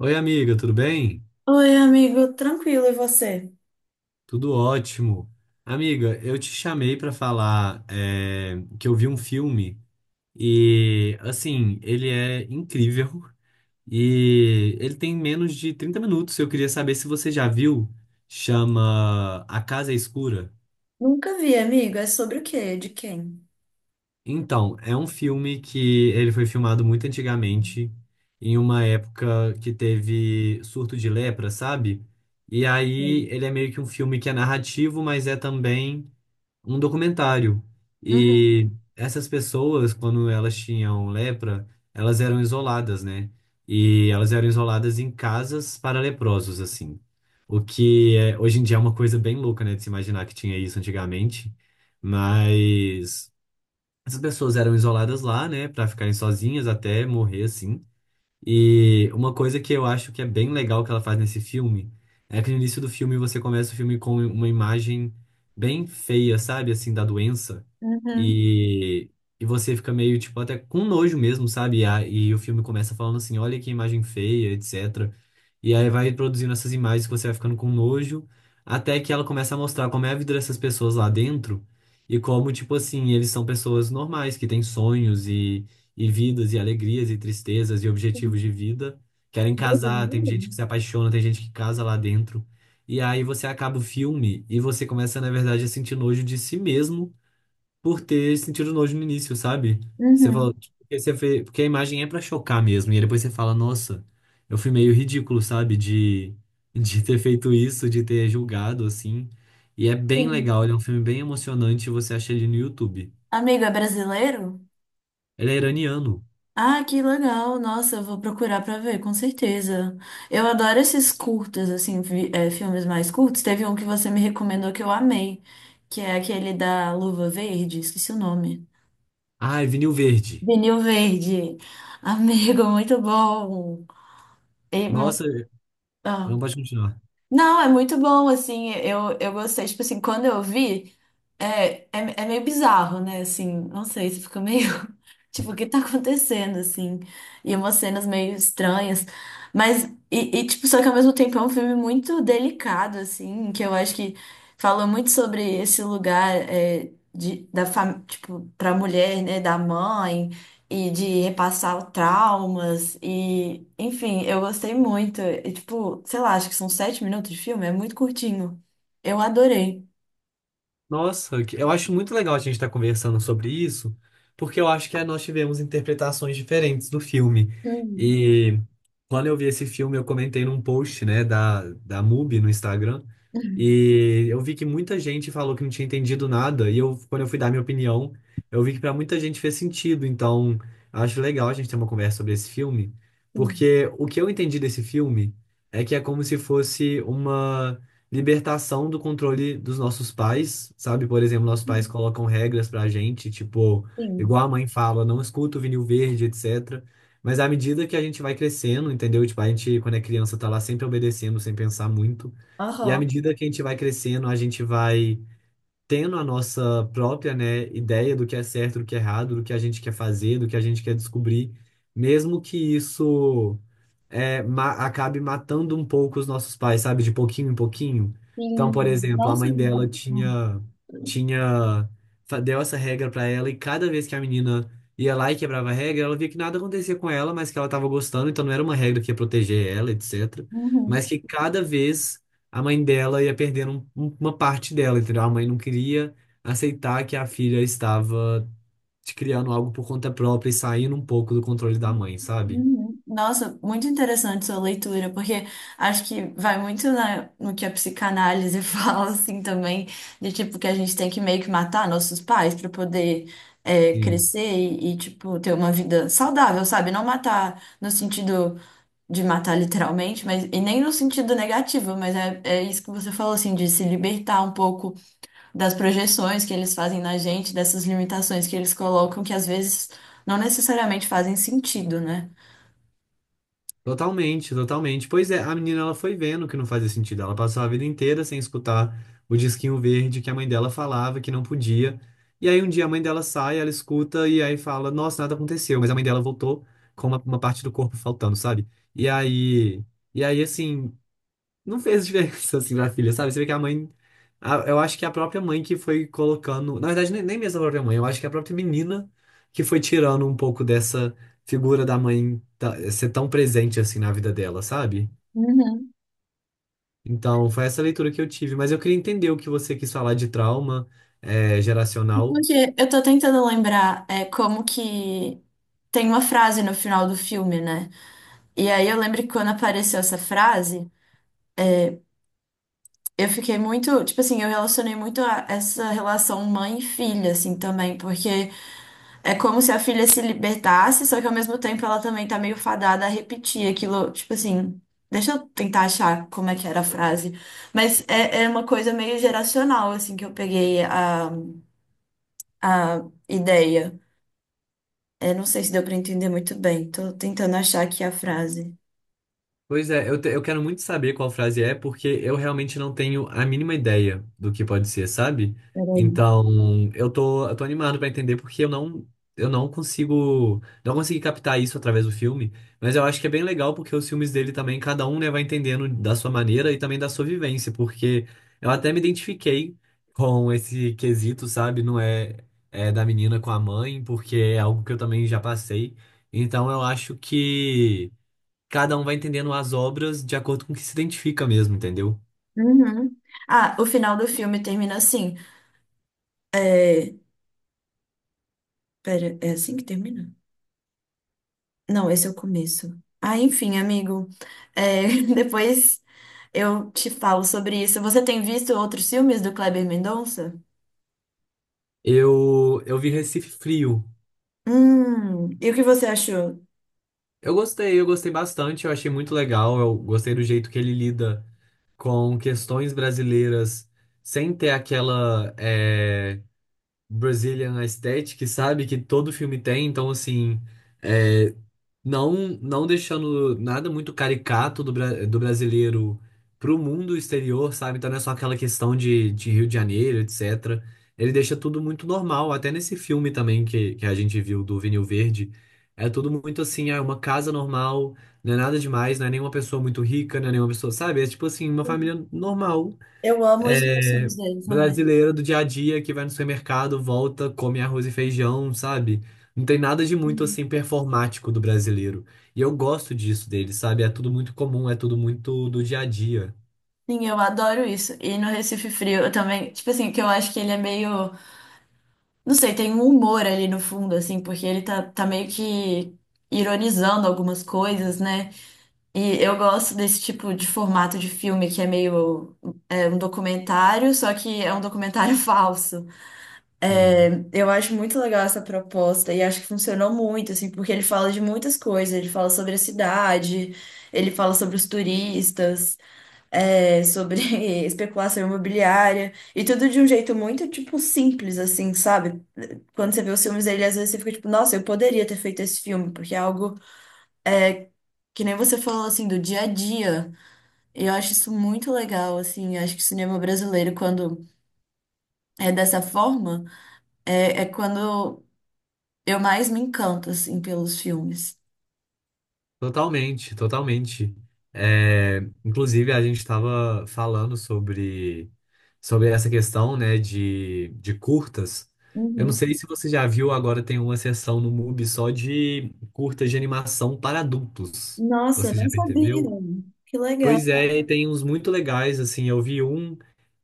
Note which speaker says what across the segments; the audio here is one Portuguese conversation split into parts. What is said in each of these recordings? Speaker 1: Oi, amiga, tudo bem?
Speaker 2: Oi, amigo, tranquilo, e você?
Speaker 1: Tudo ótimo. Amiga, eu te chamei para falar que eu vi um filme e, assim, ele é incrível e ele tem menos de 30 minutos. Eu queria saber se você já viu. Chama A Casa Escura.
Speaker 2: Nunca vi, amigo. É sobre o quê? De quem?
Speaker 1: Então, é um filme que ele foi filmado muito antigamente, em uma época que teve surto de lepra, sabe? E aí
Speaker 2: Sim.
Speaker 1: ele é meio que um filme que é narrativo, mas é também um documentário.
Speaker 2: Uhum.
Speaker 1: E essas pessoas, quando elas tinham lepra, elas eram isoladas, né? E elas eram isoladas em casas para leprosos, assim. O que é, hoje em dia é uma coisa bem louca, né? De se imaginar que tinha isso antigamente. Mas essas pessoas eram isoladas lá, né? Para ficarem sozinhas até morrer, assim. E uma coisa que eu acho que é bem legal que ela faz nesse filme é que no início do filme você começa o filme com uma imagem bem feia, sabe? Assim, da doença.
Speaker 2: Uhum.
Speaker 1: E, e você fica meio, tipo, até com nojo mesmo, sabe? E o filme começa falando assim: olha que imagem feia, etc. E aí vai produzindo essas imagens que você vai ficando com nojo, até que ela começa a mostrar como é a vida dessas pessoas lá dentro e como, tipo assim, eles são pessoas normais, que têm sonhos e vidas e alegrias e tristezas e objetivos de vida. Querem casar, tem
Speaker 2: Brasileiro?
Speaker 1: gente que se apaixona, tem gente que casa lá dentro. E aí você acaba o filme e você começa, na verdade, a sentir nojo de si mesmo por ter sentido nojo no início, sabe? Você fala,
Speaker 2: Uhum.
Speaker 1: tipo, porque porque a imagem é pra chocar mesmo. E aí depois você fala, nossa, eu fui meio ridículo, sabe? De ter feito isso, de ter julgado, assim. E é bem
Speaker 2: Sim.
Speaker 1: legal, ele é um filme bem emocionante, você acha ele no YouTube.
Speaker 2: Amigo, é brasileiro?
Speaker 1: Ele é iraniano.
Speaker 2: Ah, que legal. Nossa, eu vou procurar pra ver, com certeza. Eu adoro esses curtos, assim, filmes mais curtos. Teve um que você me recomendou que eu amei, que é aquele da Luva Verde, esqueci o nome.
Speaker 1: Ah, é vinil verde.
Speaker 2: Vinil Verde. Amigo, muito bom. E muito...
Speaker 1: Nossa, não pode continuar.
Speaker 2: Não, é muito bom, assim, eu gostei, tipo assim, quando eu vi, é meio bizarro, né, assim, não sei, você fica meio, tipo, o que tá acontecendo, assim, e umas cenas meio estranhas, mas, só que ao mesmo tempo é um filme muito delicado, assim, que eu acho que fala muito sobre esse lugar, tipo, pra mulher, né, da mãe, e de repassar traumas e, enfim, eu gostei muito. E, tipo, sei lá, acho que são 7 minutos de filme, é muito curtinho. Eu adorei.
Speaker 1: Nossa, que- eu acho muito legal a gente estar conversando sobre isso, porque eu acho que nós tivemos interpretações diferentes do filme.
Speaker 2: Hum.
Speaker 1: E quando eu vi esse filme, eu comentei num post, né, da MUBI no Instagram, e eu vi que muita gente falou que não tinha entendido nada, e eu, quando eu fui dar minha opinião, eu vi que para muita gente fez sentido. Então, acho legal a gente ter uma conversa sobre esse filme,
Speaker 2: Sim.
Speaker 1: porque o que eu entendi desse filme é que é como se fosse uma libertação do controle dos nossos pais, sabe? Por exemplo, nossos pais colocam regras pra gente, tipo,
Speaker 2: Sim.
Speaker 1: igual a mãe fala, não escuta o vinil verde, etc. Mas à medida que a gente vai crescendo, entendeu? Tipo, a gente, quando é criança, tá lá sempre obedecendo, sem pensar muito. E à
Speaker 2: Aham.
Speaker 1: medida que a gente vai crescendo, a gente vai tendo a nossa própria, né, ideia do que é certo, do que é errado, do que a gente quer fazer, do que a gente quer descobrir. Mesmo que isso ma- acabe matando um pouco os nossos pais, sabe? De pouquinho em pouquinho. Então, por
Speaker 2: Sim.
Speaker 1: exemplo, a
Speaker 2: Nossa,
Speaker 1: mãe dela
Speaker 2: menina.
Speaker 1: tinha, deu essa regra pra ela e cada vez que a menina ia lá e quebrava a regra, ela via que nada acontecia com ela, mas que ela tava gostando, então não era uma regra que ia proteger ela, etc.
Speaker 2: Uhum.
Speaker 1: Mas que cada vez a mãe dela ia perdendo uma parte dela, entendeu? A mãe não queria aceitar que a filha estava criando algo por conta própria e saindo um pouco do controle da mãe, sabe?
Speaker 2: Uhum. Nossa, muito interessante sua leitura, porque acho que vai muito no que a psicanálise fala, assim, também, de tipo que a gente tem que meio que matar nossos pais para poder crescer e, tipo, ter uma vida saudável, sabe? Não matar no sentido de matar literalmente, mas e nem no sentido negativo, mas é isso que você falou, assim, de se libertar um pouco das projeções que eles fazem na gente, dessas limitações que eles colocam, que às vezes não necessariamente fazem sentido, né?
Speaker 1: Totalmente, totalmente. Pois é, a menina ela foi vendo que não fazia sentido. Ela passou a vida inteira sem escutar o disquinho verde que a mãe dela falava que não podia. E aí um dia a mãe dela sai, ela escuta e aí fala: Nossa, nada aconteceu. Mas a mãe dela voltou com uma parte do corpo faltando, sabe? E aí, e aí assim, não fez diferença, assim, na filha, sabe? Você vê que a mãe. A- eu acho que a própria mãe que foi colocando. Na verdade, nem mesmo a própria mãe, eu acho que a própria menina que foi tirando um pouco dessa figura da mãe ser tão presente, assim, na vida dela, sabe?
Speaker 2: Uhum.
Speaker 1: Então, foi essa leitura que eu tive. Mas eu queria entender o que você quis falar de trauma, geracional.
Speaker 2: Porque eu tô tentando lembrar como que tem uma frase no final do filme, né? E aí eu lembro que quando apareceu essa frase, eu fiquei muito, tipo assim, eu relacionei muito a essa relação mãe e filha, assim, também, porque é como se a filha se libertasse, só que ao mesmo tempo ela também tá meio fadada a repetir aquilo, tipo assim. Deixa eu tentar achar como é que era a frase. Mas é uma coisa meio geracional, assim, que eu peguei a ideia. É, não sei se deu para entender muito bem. Tô tentando achar aqui a frase.
Speaker 1: Pois é, eu quero muito saber qual frase é, porque eu realmente não tenho a mínima ideia do que pode ser, sabe?
Speaker 2: Peraí.
Speaker 1: Então, eu tô animado pra entender, porque eu não consigo, não consegui captar isso através do filme, mas eu acho que é bem legal, porque os filmes dele também, cada um, né, vai entendendo da sua maneira e também da sua vivência, porque eu até me identifiquei com esse quesito, sabe? Não é, é da menina com a mãe, porque é algo que eu também já passei. Então, eu acho que cada um vai entendendo as obras de acordo com o que se identifica mesmo, entendeu?
Speaker 2: Uhum. Ah, o final do filme termina assim. É... Pera, é assim que termina? Não, esse é o começo. Ah, enfim, amigo. É, depois eu te falo sobre isso. Você tem visto outros filmes do Kleber Mendonça?
Speaker 1: Eu vi Recife Frio.
Speaker 2: E o que você achou?
Speaker 1: Eu gostei bastante, eu achei muito legal, eu gostei do jeito que ele lida com questões brasileiras sem ter aquela Brazilian aesthetic, sabe? Que todo filme tem, então assim, é, não não deixando nada muito caricato do, bra- do brasileiro pro mundo exterior, sabe? Então não é só aquela questão de Rio de Janeiro, etc. Ele deixa tudo muito normal, até nesse filme também que a gente viu do Vinil Verde. É tudo muito assim, é uma casa normal, não é nada demais, não é nenhuma pessoa muito rica, não é nenhuma pessoa, sabe? É tipo assim, uma família normal,
Speaker 2: Eu amo isso nos
Speaker 1: é,
Speaker 2: filmes dele também.
Speaker 1: brasileira do dia a dia que vai no supermercado, volta, come arroz e feijão, sabe? Não tem nada de muito assim performático do brasileiro. E eu gosto disso dele, sabe? É tudo muito comum, é tudo muito do dia a dia.
Speaker 2: Sim, eu adoro isso. E no Recife Frio, eu também. Tipo assim, que eu acho que ele é meio. Não sei, tem um humor ali no fundo, assim, porque ele tá meio que ironizando algumas coisas, né? E eu gosto desse tipo de formato de filme que é meio é um documentário, só que é um documentário falso.
Speaker 1: Sim.
Speaker 2: Eu acho muito legal essa proposta e acho que funcionou muito, assim, porque ele fala de muitas coisas. Ele fala sobre a cidade, ele fala sobre os turistas sobre especulação imobiliária e tudo de um jeito muito, tipo, simples, assim, sabe? Quando você vê os filmes dele, às vezes você fica tipo, nossa, eu poderia ter feito esse filme, porque é algo que nem você falou, assim, do dia a dia. E eu acho isso muito legal, assim, eu acho que o cinema brasileiro, quando é dessa forma, é quando eu mais me encanto, assim, pelos filmes.
Speaker 1: Totalmente, totalmente. É, inclusive, a gente estava falando sobre essa questão, né, de curtas. Eu não
Speaker 2: Uhum.
Speaker 1: sei se você já viu, agora tem uma seção no MUBI só de curtas de animação para adultos.
Speaker 2: Nossa, eu
Speaker 1: Você
Speaker 2: não
Speaker 1: já
Speaker 2: sabia.
Speaker 1: percebeu?
Speaker 2: Que legal.
Speaker 1: Pois é, e tem uns muito legais, assim, eu vi um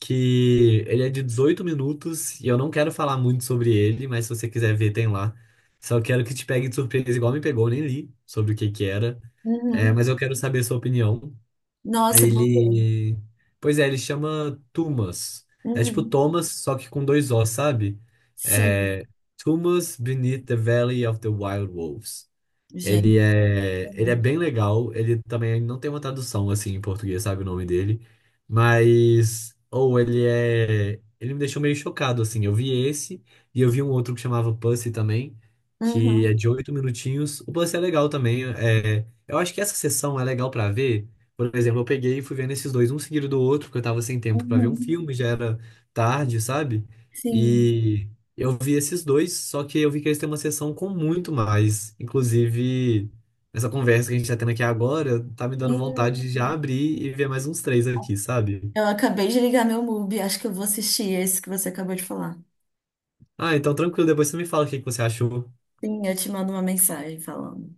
Speaker 1: que ele é de 18 minutos e eu não quero falar muito sobre ele, mas se você quiser ver, tem lá. Só quero que te pegue de surpresa, igual me pegou, eu nem li sobre o que que era. É,
Speaker 2: Uhum.
Speaker 1: mas eu quero saber a sua opinião.
Speaker 2: Nossa, eu vou ver.
Speaker 1: Ele. Pois é, ele chama Tumas. É tipo
Speaker 2: Uhum.
Speaker 1: Thomas, só que com dois O, sabe?
Speaker 2: Sim,
Speaker 1: É. Tumas Beneath the Valley of the Wild Wolves.
Speaker 2: gente.
Speaker 1: Ele é bem legal. Ele também não tem uma tradução assim em português, sabe o nome dele? Mas ou ele é, ele me deixou meio chocado assim. Eu vi esse e eu vi um outro que chamava Pussy também, que é
Speaker 2: Uhum,
Speaker 1: de 8 minutinhos. O Pussy é legal também. É, eu acho que essa sessão é legal pra ver. Por exemplo, eu peguei e fui vendo esses dois um seguido do outro, porque eu tava sem tempo pra ver um
Speaker 2: uhum,
Speaker 1: filme, já era tarde, sabe?
Speaker 2: sim.
Speaker 1: E eu vi esses dois, só que eu vi que eles têm uma sessão com muito mais. Inclusive, essa conversa que a gente tá tendo aqui agora tá me dando
Speaker 2: Hum,
Speaker 1: vontade de já abrir e ver mais uns 3 aqui, sabe?
Speaker 2: eu acabei de ligar meu Mubi, acho que eu vou assistir esse que você acabou de falar.
Speaker 1: Ah, então tranquilo, depois você me fala o que que você achou.
Speaker 2: Sim, eu te mando uma mensagem falando.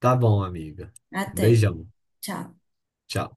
Speaker 1: Tá bom, amiga. Um
Speaker 2: Até,
Speaker 1: beijão.
Speaker 2: tchau.
Speaker 1: Tchau.